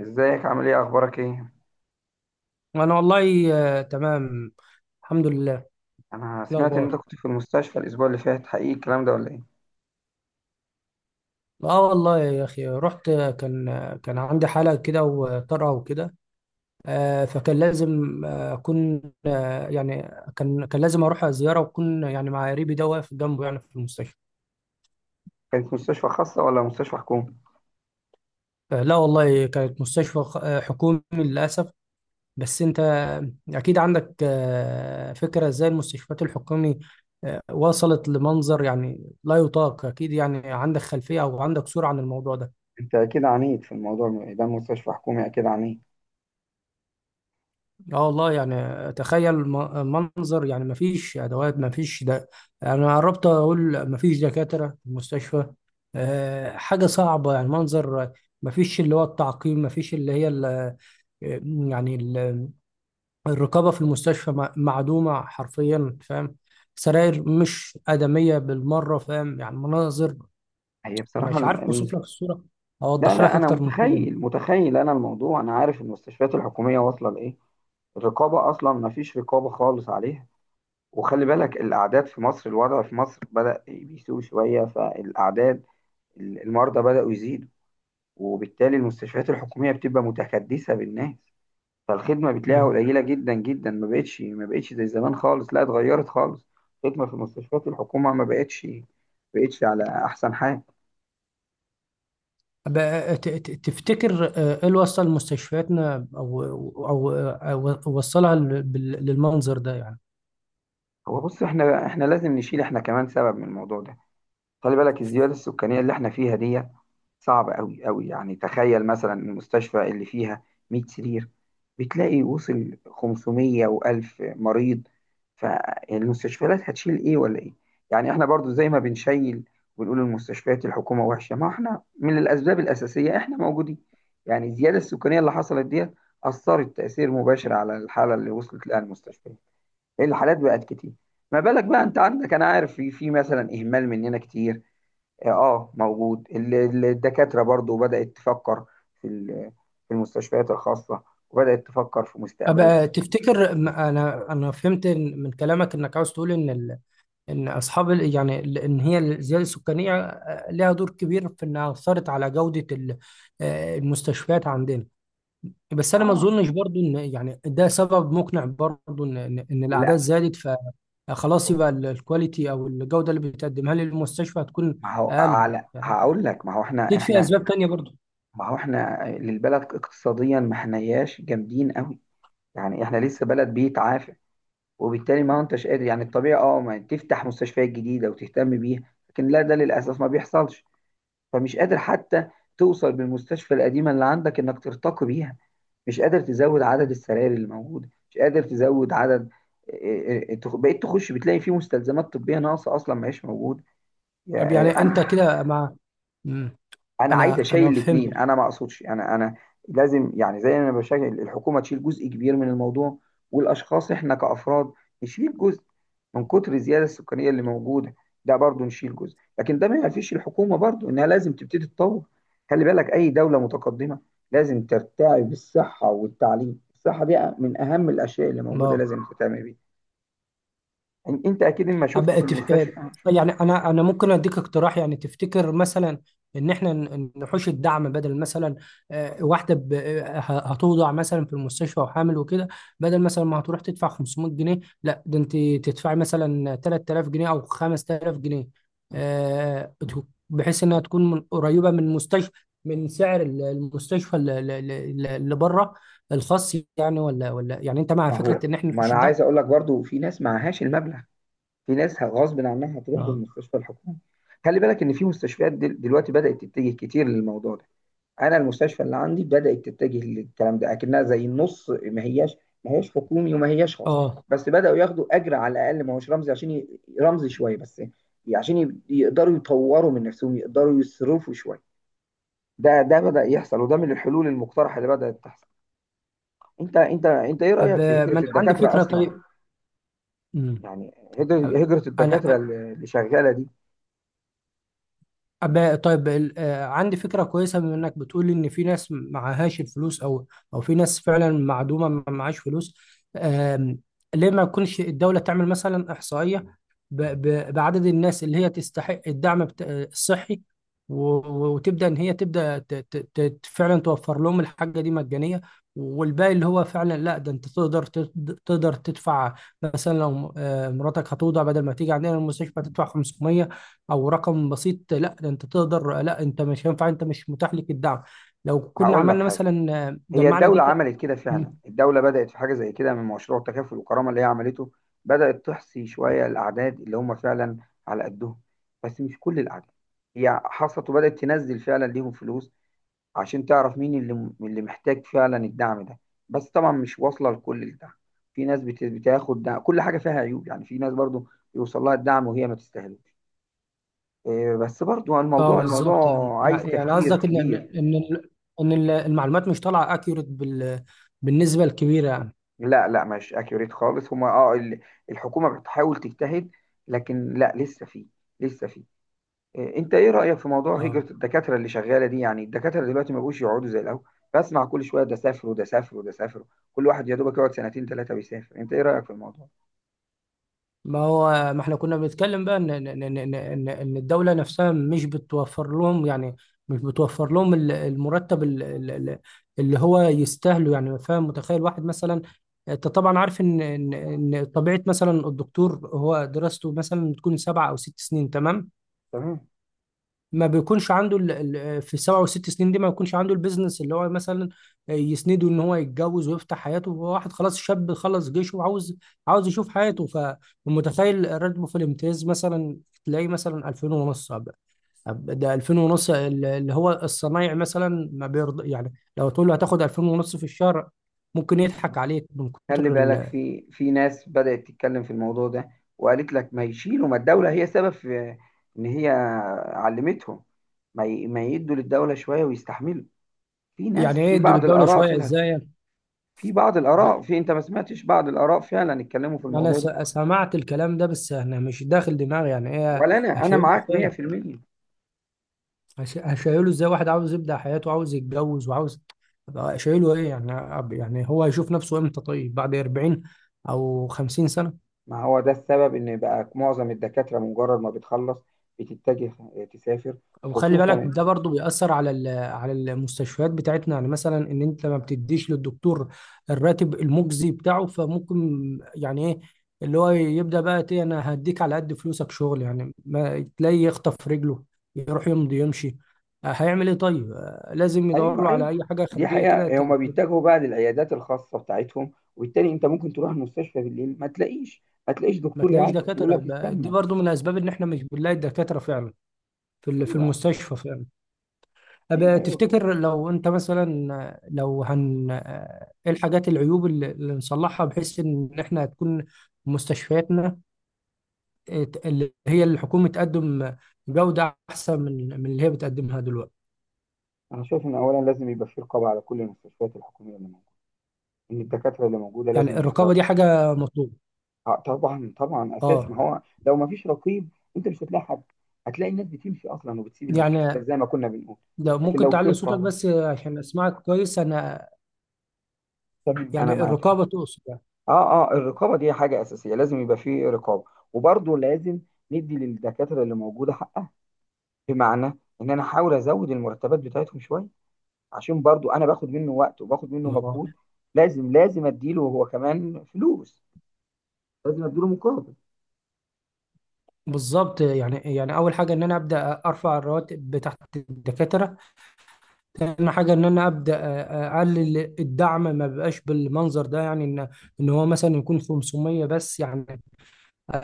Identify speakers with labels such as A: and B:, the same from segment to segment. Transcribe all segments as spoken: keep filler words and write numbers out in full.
A: ازيك؟ عامل ايه؟ اخبارك ايه؟
B: انا والله آه، تمام. الحمد لله. إيه
A: انا سمعت ان انت
B: الاخبار؟
A: كنت في المستشفى الاسبوع اللي فات، حقيقي الكلام ده ولا ايه؟
B: اه، والله يا اخي، رحت آه، كان آه، كان عندي حاله كده وطرقه وكده. آه، فكان لازم آه، اكون آه، يعني كان كان لازم اروح زياره واكون يعني مع قريبي ده واقف جنبه يعني في المستشفى.
A: كانت مستشفى خاصة ولا مستشفى حكومي؟
B: آه، لا والله، كانت مستشفى خ- آه، حكومي للاسف. بس انت آه، اكيد عندك آه، فكره ازاي المستشفيات الحكومي آه، وصلت لمنظر يعني لا يطاق. اكيد يعني عندك خلفيه او عندك صوره عن الموضوع ده.
A: انت اكيد عنيد في الموضوع ده، مستشفى حكومي اكيد عنيد.
B: اه والله، يعني تخيل، م- منظر، يعني مفيش ادوات، مفيش ده. انا قربت اقول مفيش دكاتره في المستشفى. أه، حاجه صعبه يعني. منظر مفيش اللي هو التعقيم، مفيش اللي هي ال- آه، يعني ال- الرقابه في المستشفى م- معدومه حرفيا. فاهم؟ سراير مش ادميه بالمره. فاهم؟ يعني مناظر.
A: هي بصراحة
B: مش عارف
A: ال-
B: اوصف
A: المس...
B: لك الصوره.
A: لا
B: اوضحها لك
A: لا، انا
B: اكتر من كده.
A: متخيل متخيل انا الموضوع، انا عارف المستشفيات الحكومية واصلة لايه. الرقابة اصلا ما فيش رقابة خالص عليها. وخلي بالك الاعداد في مصر، الوضع في مصر بدأ بيسوء شوية، فالاعداد المرضى بدأوا يزيدوا، وبالتالي المستشفيات الحكومية بتبقى متكدسة بالناس. فالخدمه بتلاقيها قليله جدا جدا، ما بقتش ما بقتش زي زمان خالص، لا اتغيرت خالص. الخدمه في مستشفيات الحكومه ما بقتش ما بقتش على احسن حال.
B: بقى ت- ت- تفتكر آه، ايه اللي وصل مستشفياتنا، او او أو وصلها لل- بال- للمنظر ده يعني؟
A: هو بص، احنا احنا لازم نشيل، احنا كمان سبب من الموضوع ده. خلي بالك الزيادة السكانية اللي احنا فيها دي صعبة قوي قوي. يعني تخيل مثلا المستشفى اللي فيها مية سرير، بتلاقي وصل خمس مية و1000 مريض، فالمستشفيات هتشيل ايه ولا ايه؟ يعني احنا برضو زي ما بنشيل ونقول المستشفيات الحكومة وحشة، ما احنا من الأسباب الأساسية احنا موجودين. يعني الزيادة السكانية اللي حصلت دي أثرت تأثير مباشر على الحالة اللي وصلت لها المستشفيات. الحالات بقت كتير. ما بالك بقى انت عندك، انا عارف في في مثلا اهمال مننا كتير. اه، آه، موجود. ال- ال- الدكاترة برضو بدأت تفكر في ال- في المستشفيات الخاصة، وبدأت تفكر في مستقبلها.
B: ابقى تفتكر، م- انا انا فهمت إن- من كلامك انك عاوز تقول ان ال- ان اصحاب ال- يعني ال- ان هي الزياده السكانيه آه، لها دور كبير في انها اثرت على جوده ال- آه، المستشفيات عندنا. بس انا ما
A: اه،
B: اظنش برضو ان يعني ده سبب مقنع برضو ان ان إن الاعداد
A: لا،
B: زادت فخلاص
A: بص،
B: يبقى ال- الكواليتي او الجوده اللي بتقدمها للمستشفى هتكون
A: ما هو
B: اقل
A: على
B: يعني.
A: هقول لك ما هو احنا
B: اكيد في
A: احنا
B: اسباب تانية برضو.
A: ما هو احنا للبلد اقتصاديا ما احناش جامدين قوي، يعني احنا لسه بلد بيتعافى. وبالتالي ما هو انتش قادر، يعني الطبيعي اه ما تفتح مستشفيات جديدة وتهتم بيها، لكن لا ده للأسف ما بيحصلش. فمش قادر حتى توصل بالمستشفى القديمة اللي عندك انك ترتقي بيها، مش قادر تزود عدد السراير اللي موجوده، مش قادر تزود عدد. إيه إيه إيه، تخ- بقيت تخش بتلاقي فيه مستلزمات طبيه ناقصه، اصلا ما هيش موجوده. يا-
B: طب يعني
A: آه،
B: انت
A: انهي
B: كده مع. مم.
A: انا عايز
B: انا انا
A: اشيل
B: فهمت.
A: الاثنين، انا ما اقصدش، انا انا لازم، يعني زي ما انا بشكل الحكومه تشيل جزء كبير من الموضوع، والاشخاص احنا كافراد نشيل جزء من كتر الزياده السكانيه اللي موجوده، ده برضو نشيل جزء. لكن ده ما ينفيش الحكومه برضو انها لازم تبتدي تطور. خلي بالك اي دوله متقدمه لازم ترتعي بالصحه والتعليم، الصحه دي من اهم الاشياء اللي موجوده،
B: اه.
A: لازم تهتم بيها. إن- انت اكيد ما شفت
B: أبقى
A: في
B: تف... آه،
A: المستشفى.
B: يعني انا انا ممكن اديك اقتراح. يعني تفتكر مثلا ان احنا ن- نحوش الدعم؟ بدل مثلا آه، واحده ب... آه، ه- هتوضع مثلا في المستشفى وحامل وكده، بدل مثلا ما هتروح تدفع خمسمية جنيه، لا ده انت تدفعي مثلا تلات آلاف جنيه او خمست آلاف جنيه آه، ت- بحيث انها تكون من قريبه من مستشفى، من سعر ال- المستشفى ال- ال- ال- اللي بره، الخاص يعني. ولا ولا يعني انت مع
A: ما هو،
B: فكره ان احنا
A: ما
B: نحوش
A: انا
B: الدعم؟
A: عايز اقول لك برضو في ناس معهاش المبلغ، في ناس غصب عنها هتروح
B: اه.
A: للمستشفى الحكومي. خلي بالك ان في مستشفيات دل- دلوقتي بدأت تتجه كتير للموضوع ده. انا المستشفى اللي عندي بدأت تتجه للكلام ده، اكنها زي النص، ما هياش، ما هياش حكومي وما هياش خاص.
B: اه.
A: بس بدأوا ياخدوا اجر على الاقل ما هوش رمزي، عشان ي- رمزي شويه بس عشان ي- يقدروا يطوروا من نفسهم، يقدروا يصرفوا شويه. ده ده بدأ يحصل، وده من الحلول المقترحه اللي بدأت تحصل. انت انت انت ايه
B: طب
A: رأيك في
B: آه، ما
A: هجرة
B: انا عندي
A: الدكاتره
B: فكره.
A: اصلا؟
B: طيب. مم.
A: يعني هجرة هجرة الدكاتره
B: أنا.
A: اللي اللي شغاله دي.
B: أب- طيب ال- آه، عندي فكرة كويسة. بما إنك بتقول إن في ناس معهاش الفلوس، أو أو في ناس فعلا معدومة ما معهاش فلوس، آم، ليه ما يكونش الدولة تعمل مثلا إحصائية ب- ب- بعدد الناس اللي هي تستحق الدعم بت- آه، الصحي، و- و- وتبدأ إن هي تبدأ ت- ت- ت- فعلا توفر لهم الحاجة دي مجانية، والباقي اللي هو فعلا لا ده أنت تقدر تت- تقدر تدفع. مثلا لو آه، مراتك هتوضع، بدل ما تيجي عندنا المستشفى تدفع خمسمية او رقم بسيط، لا ده انت تقدر. لا انت مش هينفع، انت مش متاح لك الدعم لو كنا
A: هقول لك
B: عملنا
A: حاجه،
B: مثلا
A: هي
B: جمعنا
A: الدولة
B: داتا.
A: عملت كده فعلا،
B: مم.
A: الدولة بدأت في حاجة زي كده من مشروع تكافل وكرامة اللي هي عملته. بدأت تحصي شوية الأعداد اللي هم فعلا على قدهم، بس مش كل الأعداد. هي حصلت وبدأت تنزل فعلا ليهم فلوس، عشان تعرف مين اللي اللي محتاج فعلا الدعم ده. بس طبعا مش واصلة لكل الدعم. في ناس بت- بتاخد دعم، كل حاجة فيها عيوب، يعني في ناس برضو بيوصل لها الدعم وهي ما تستاهلوش. إيه، بس برضو
B: اه،
A: الموضوع الموضوع
B: بالظبط. يعني
A: عايز
B: يعني يعني
A: تفكير
B: قصدك ان ان
A: كبير.
B: ان ال- إن ال- المعلومات مش طالعه اكيوريت بال، بالنسبه الكبيره يعني.
A: لا لا، مش اكيوريت خالص. هما اه ال- الحكومة بتحاول تجتهد، لكن لا لسه في، لسه في إيه، انت ايه رأيك في موضوع
B: اه.
A: هجرة الدكاترة اللي شغالة دي؟ يعني الدكاترة دلوقتي ما بقوش يقعدوا زي الاول، بسمع كل شوية ده سافر وده سافر وده سافر، كل واحد يا دوبك يقعد سنتين ثلاثة بيسافر. انت ايه رأيك في الموضوع؟
B: ما هو، ما احنا كنا بنتكلم بقى ان ان ان ان ان إن الدوله نفسها مش بتوفر لهم يعني، مش بتوفر لهم ال- المرتب ال- ال- ال- اللي هو يستاهله يعني. فاهم؟ متخيل واحد مثلا، انت طبعا عارف ان ان ان طبيعه مثلا الدكتور، هو دراسته مثلا بتكون سبع او ست سنين. تمام.
A: تمام.
B: ما بيكونش عنده ال... ال... في السبع والست سنين دي ما بيكونش عنده البيزنس اللي هو مثلا يسنده ان هو يتجوز ويفتح حياته. هو واحد خلاص شاب خلص جيشه وعاوز، عاوز يشوف حياته. ف- فمتخيل راتبه في الامتياز مثلا تلاقيه مثلا ألفين ونص. أب- أب- ده ألفين ونص، ال- اللي هو الصنايعي مثلا ما بيرضى يعني. لو تقول له هتاخد ألفين ونص في الشهر ممكن يضحك عليك من
A: خلي
B: كتر
A: بالك
B: ال.
A: في في ناس بدأت تتكلم في الموضوع ده، وقالت لك ما يشيلوا، ما الدولة هي سبب في ان هي علمتهم، ما ي- ما يدوا للدولة شوية ويستحملوا. في ناس
B: يعني ايه
A: في
B: يدي
A: بعض
B: للدولة
A: الآراء
B: شوية
A: طلعت
B: ازاي؟
A: كده، في بعض
B: ده
A: الآراء، في أنت ما سمعتش بعض الآراء فعلا اتكلموا في
B: انا
A: الموضوع ده؟
B: س- سمعت الكلام ده، بس انا مش داخل دماغي يعني ايه.
A: ولا أنا، أنا
B: شايف؟
A: معاك مية في المية.
B: هش- هشيله ازاي واحد عاوز يبدأ حياته وعاوز يتجوز وعاوز؟ أبقى شايله ايه يعني؟ أب- يعني هو هيشوف نفسه امتى؟ طيب بعد اربعين او خمسين سنة.
A: ما هو ده السبب إن بقى معظم الدكاترة مجرد ما بتخلص بتتجه تسافر.
B: وخلي بالك
A: خصوصا،
B: ده برضو بيأثر على ال- على المستشفيات بتاعتنا. يعني مثلا ان انت ما بتديش للدكتور الراتب المجزي بتاعه، فممكن يعني ايه اللي هو يبدأ بقى ايه، انا هديك على قد فلوسك شغل، يعني ما تلاقي يخطف رجله يروح يمضي يمشي. آه، هيعمل ايه طيب؟ آه، لازم يدور
A: أيوه،
B: له على
A: أيوه،
B: اي حاجة
A: دي
B: خارجية كده.
A: حقيقة. هما بيتجهوا بقى للعيادات الخاصة بتاعتهم، وبالتالي أنت ممكن تروح المستشفى بالليل ما تلاقيش، ما تلاقيش
B: ما
A: دكتور
B: تلاقيش
A: يعالجك يقول
B: دكاترة.
A: لك
B: يبقى دي
A: استنى.
B: برضو من الأسباب إن إحنا مش بنلاقي الدكاترة فعلا في ال- في
A: أيوه،
B: المستشفى فعلا.
A: أيوه،
B: أبقى
A: أيوه.
B: تفتكر لو أنت مثلا، لو هن إيه الحاجات، العيوب اللي اللي نصلحها بحيث إن إحنا تكون مستشفياتنا ت- اللي هي الحكومة تقدم جودة أحسن من من اللي هي بتقدمها دلوقتي؟
A: أنا شايف إن أولا لازم يبقى في رقابة على كل المستشفيات الحكومية اللي موجودة، إن الدكاترة اللي موجودة
B: يعني
A: لازم
B: الرقابة
A: يحضروا.
B: دي حاجة مطلوبة؟
A: آه، طبعا طبعا، اساسي.
B: أه.
A: ما هو لو ما فيش رقيب، انت مش هتلاقي حد، هتلاقي الناس بتمشي اصلا وبتسيب المستشفيات
B: يعني
A: زي ما كنا بنقول.
B: لو
A: لكن
B: ممكن
A: لو في
B: تعلي صوتك
A: رقابه،
B: بس عشان أسمعك كويس أنا.
A: تمام انا
B: يعني
A: معاك. اه،
B: الرقابة تقصد.
A: اه الرقابه دي حاجه اساسيه، لازم يبقى في رقابه. وبرضه لازم ندي للدكاتره اللي موجوده حقها، بمعنى ان انا احاول ازود المرتبات بتاعتهم شويه، عشان برضه انا باخد منه وقت وباخد منه مجهود.
B: يعني
A: لازم لازم اديله هو كمان فلوس، لازم اديله مقابل.
B: بالظبط. يعني يعني اول حاجه ان انا ابدا ارفع الرواتب بتاعت الدكاتره. ثاني حاجه ان انا ابدا اقلل الدعم، ما بقاش بالمنظر ده، يعني ان ان هو مثلا يكون خمسمية بس يعني. آه،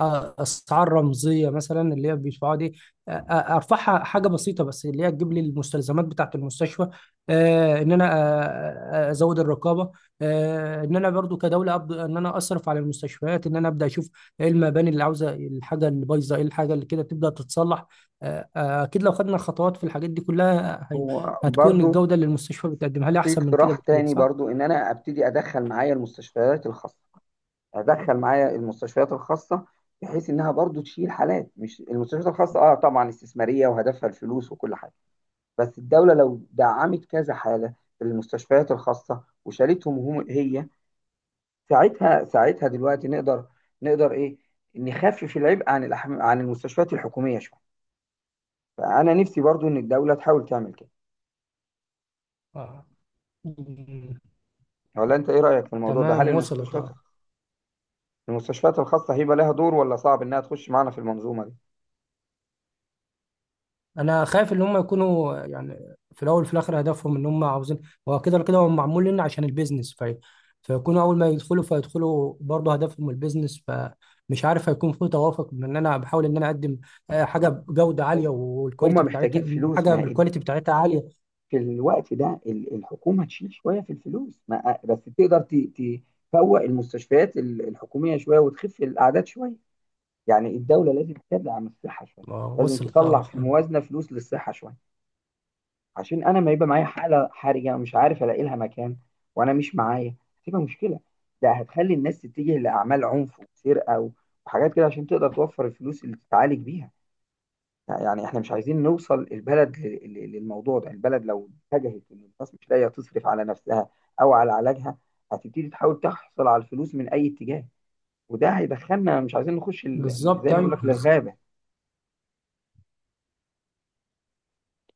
B: آه، اسعار رمزيه مثلا اللي هي بيدفعوها دي، آه، آه، ارفعها حاجه بسيطه بس اللي هي تجيب لي المستلزمات بتاعه المستشفى. آه، ان انا آه، آه، ازود الرقابه. آه، ان انا برضو كدوله ابدا ان انا اصرف على المستشفيات، ان انا ابدا اشوف ايه المباني اللي عاوزه، الحاجه اللي بايظه، ايه الحاجه اللي كده تبدا تتصلح. آه، آه، اكيد لو خدنا خطوات في الحاجات دي كلها هي-
A: هو
B: هتكون
A: برضه
B: الجوده اللي المستشفى بتقدمها لي
A: في
B: احسن من كده
A: اقتراح
B: بكتير،
A: تاني
B: صح؟
A: برضو، ان انا ابتدي ادخل معايا المستشفيات الخاصه، ادخل معايا المستشفيات الخاصه بحيث انها برضو تشيل حالات. مش المستشفيات الخاصه اه طبعا استثماريه وهدفها الفلوس وكل حاجه، بس الدوله لو دعمت كذا حاله في المستشفيات الخاصه وشالتهم هم هي، ساعتها، ساعتها دلوقتي نقدر، نقدر ايه نخفف العبء عن الأحم... عن المستشفيات الحكوميه شويه. فانا نفسي برضو ان الدوله تحاول تعمل كده.
B: آه.
A: ولا انت ايه رايك في الموضوع ده،
B: تمام،
A: هل
B: وصلت.
A: المستشفيات،
B: اه.
A: المستشفيات الخاصة هيبقى لها دور ولا صعب إنها تخش معانا في المنظومة دي؟
B: انا خايف ان هم يكونوا يعني في الاول وفي الاخر هدفهم ان هم عاوزين، هو كده ولا كده هو معمول لنا عشان البيزنس. في، فيكونوا اول ما يدخلوا فيدخلوا برضه هدفهم البيزنس. فمش عارف هيكون في توافق من ان انا بحاول ان انا اقدم آه، حاجه
A: ه-
B: بجوده عاليه
A: هم،
B: والكواليتي
A: هم محتاجين
B: بتاعتها،
A: فلوس.
B: حاجه
A: ما هي-
B: بالكواليتي بتاعتها عاليه.
A: في الوقت ده ال- الحكومه تشيل شويه في الفلوس، ما بس تقدر ت- ت- تفوق المستشفيات ال- الحكوميه شويه وتخف الاعداد شويه. يعني الدوله لازم تبعد عن الصحه شويه،
B: آه،
A: لازم
B: وصلت.
A: تطلع
B: اه.
A: في الموازنه فلوس للصحه شويه، عشان انا ما يبقى معايا حاله حرجه ومش عارف الاقي لها مكان وانا مش معايا، هتبقى مشكله. ده هتخلي الناس تتجه لاعمال عنف وسرقه و- وحاجات كده عشان تقدر توفر الفلوس اللي تتعالج بيها. يعني احنا مش عايزين نوصل البلد ل- ل- للموضوع ده. البلد لو اتجهت ان الناس مش لاقيه تصرف على نفسها او على علاجها، هتبتدي تحاول تحصل على الفلوس من اي اتجاه، وده هيدخلنا، مش عايزين نخش ال- ال- زي
B: بالظبط.
A: ما
B: ايوه،
A: بيقول لك
B: بالظبط.
A: للغابه.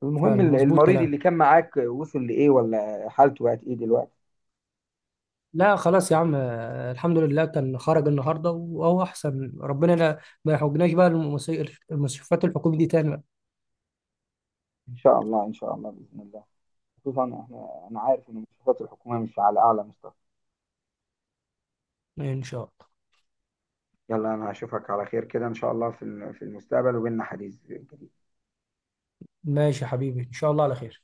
A: المهم
B: فعلا
A: ال-
B: مظبوط
A: المريض
B: كلام.
A: اللي كان معاك وصل لايه، ولا حالته بقت ايه دلوقتي؟
B: لا خلاص يا عم، آه، الحمد لله كان خرج النهارده وهو احسن. ربنا لا ما يحوجناش بقى المس- المستشفيات الحكومي دي تاني.
A: ان شاء الله ان شاء الله باذن الله، خصوصا احنا، انا عارف ان المستشفيات الحكوميه مش على اعلى مستوى.
B: ان شاء الله.
A: يلا انا هشوفك على خير كده ان شاء الله في الم- في المستقبل، وبيننا حديث جديد.
B: ماشي يا حبيبي، ان شاء الله على خير.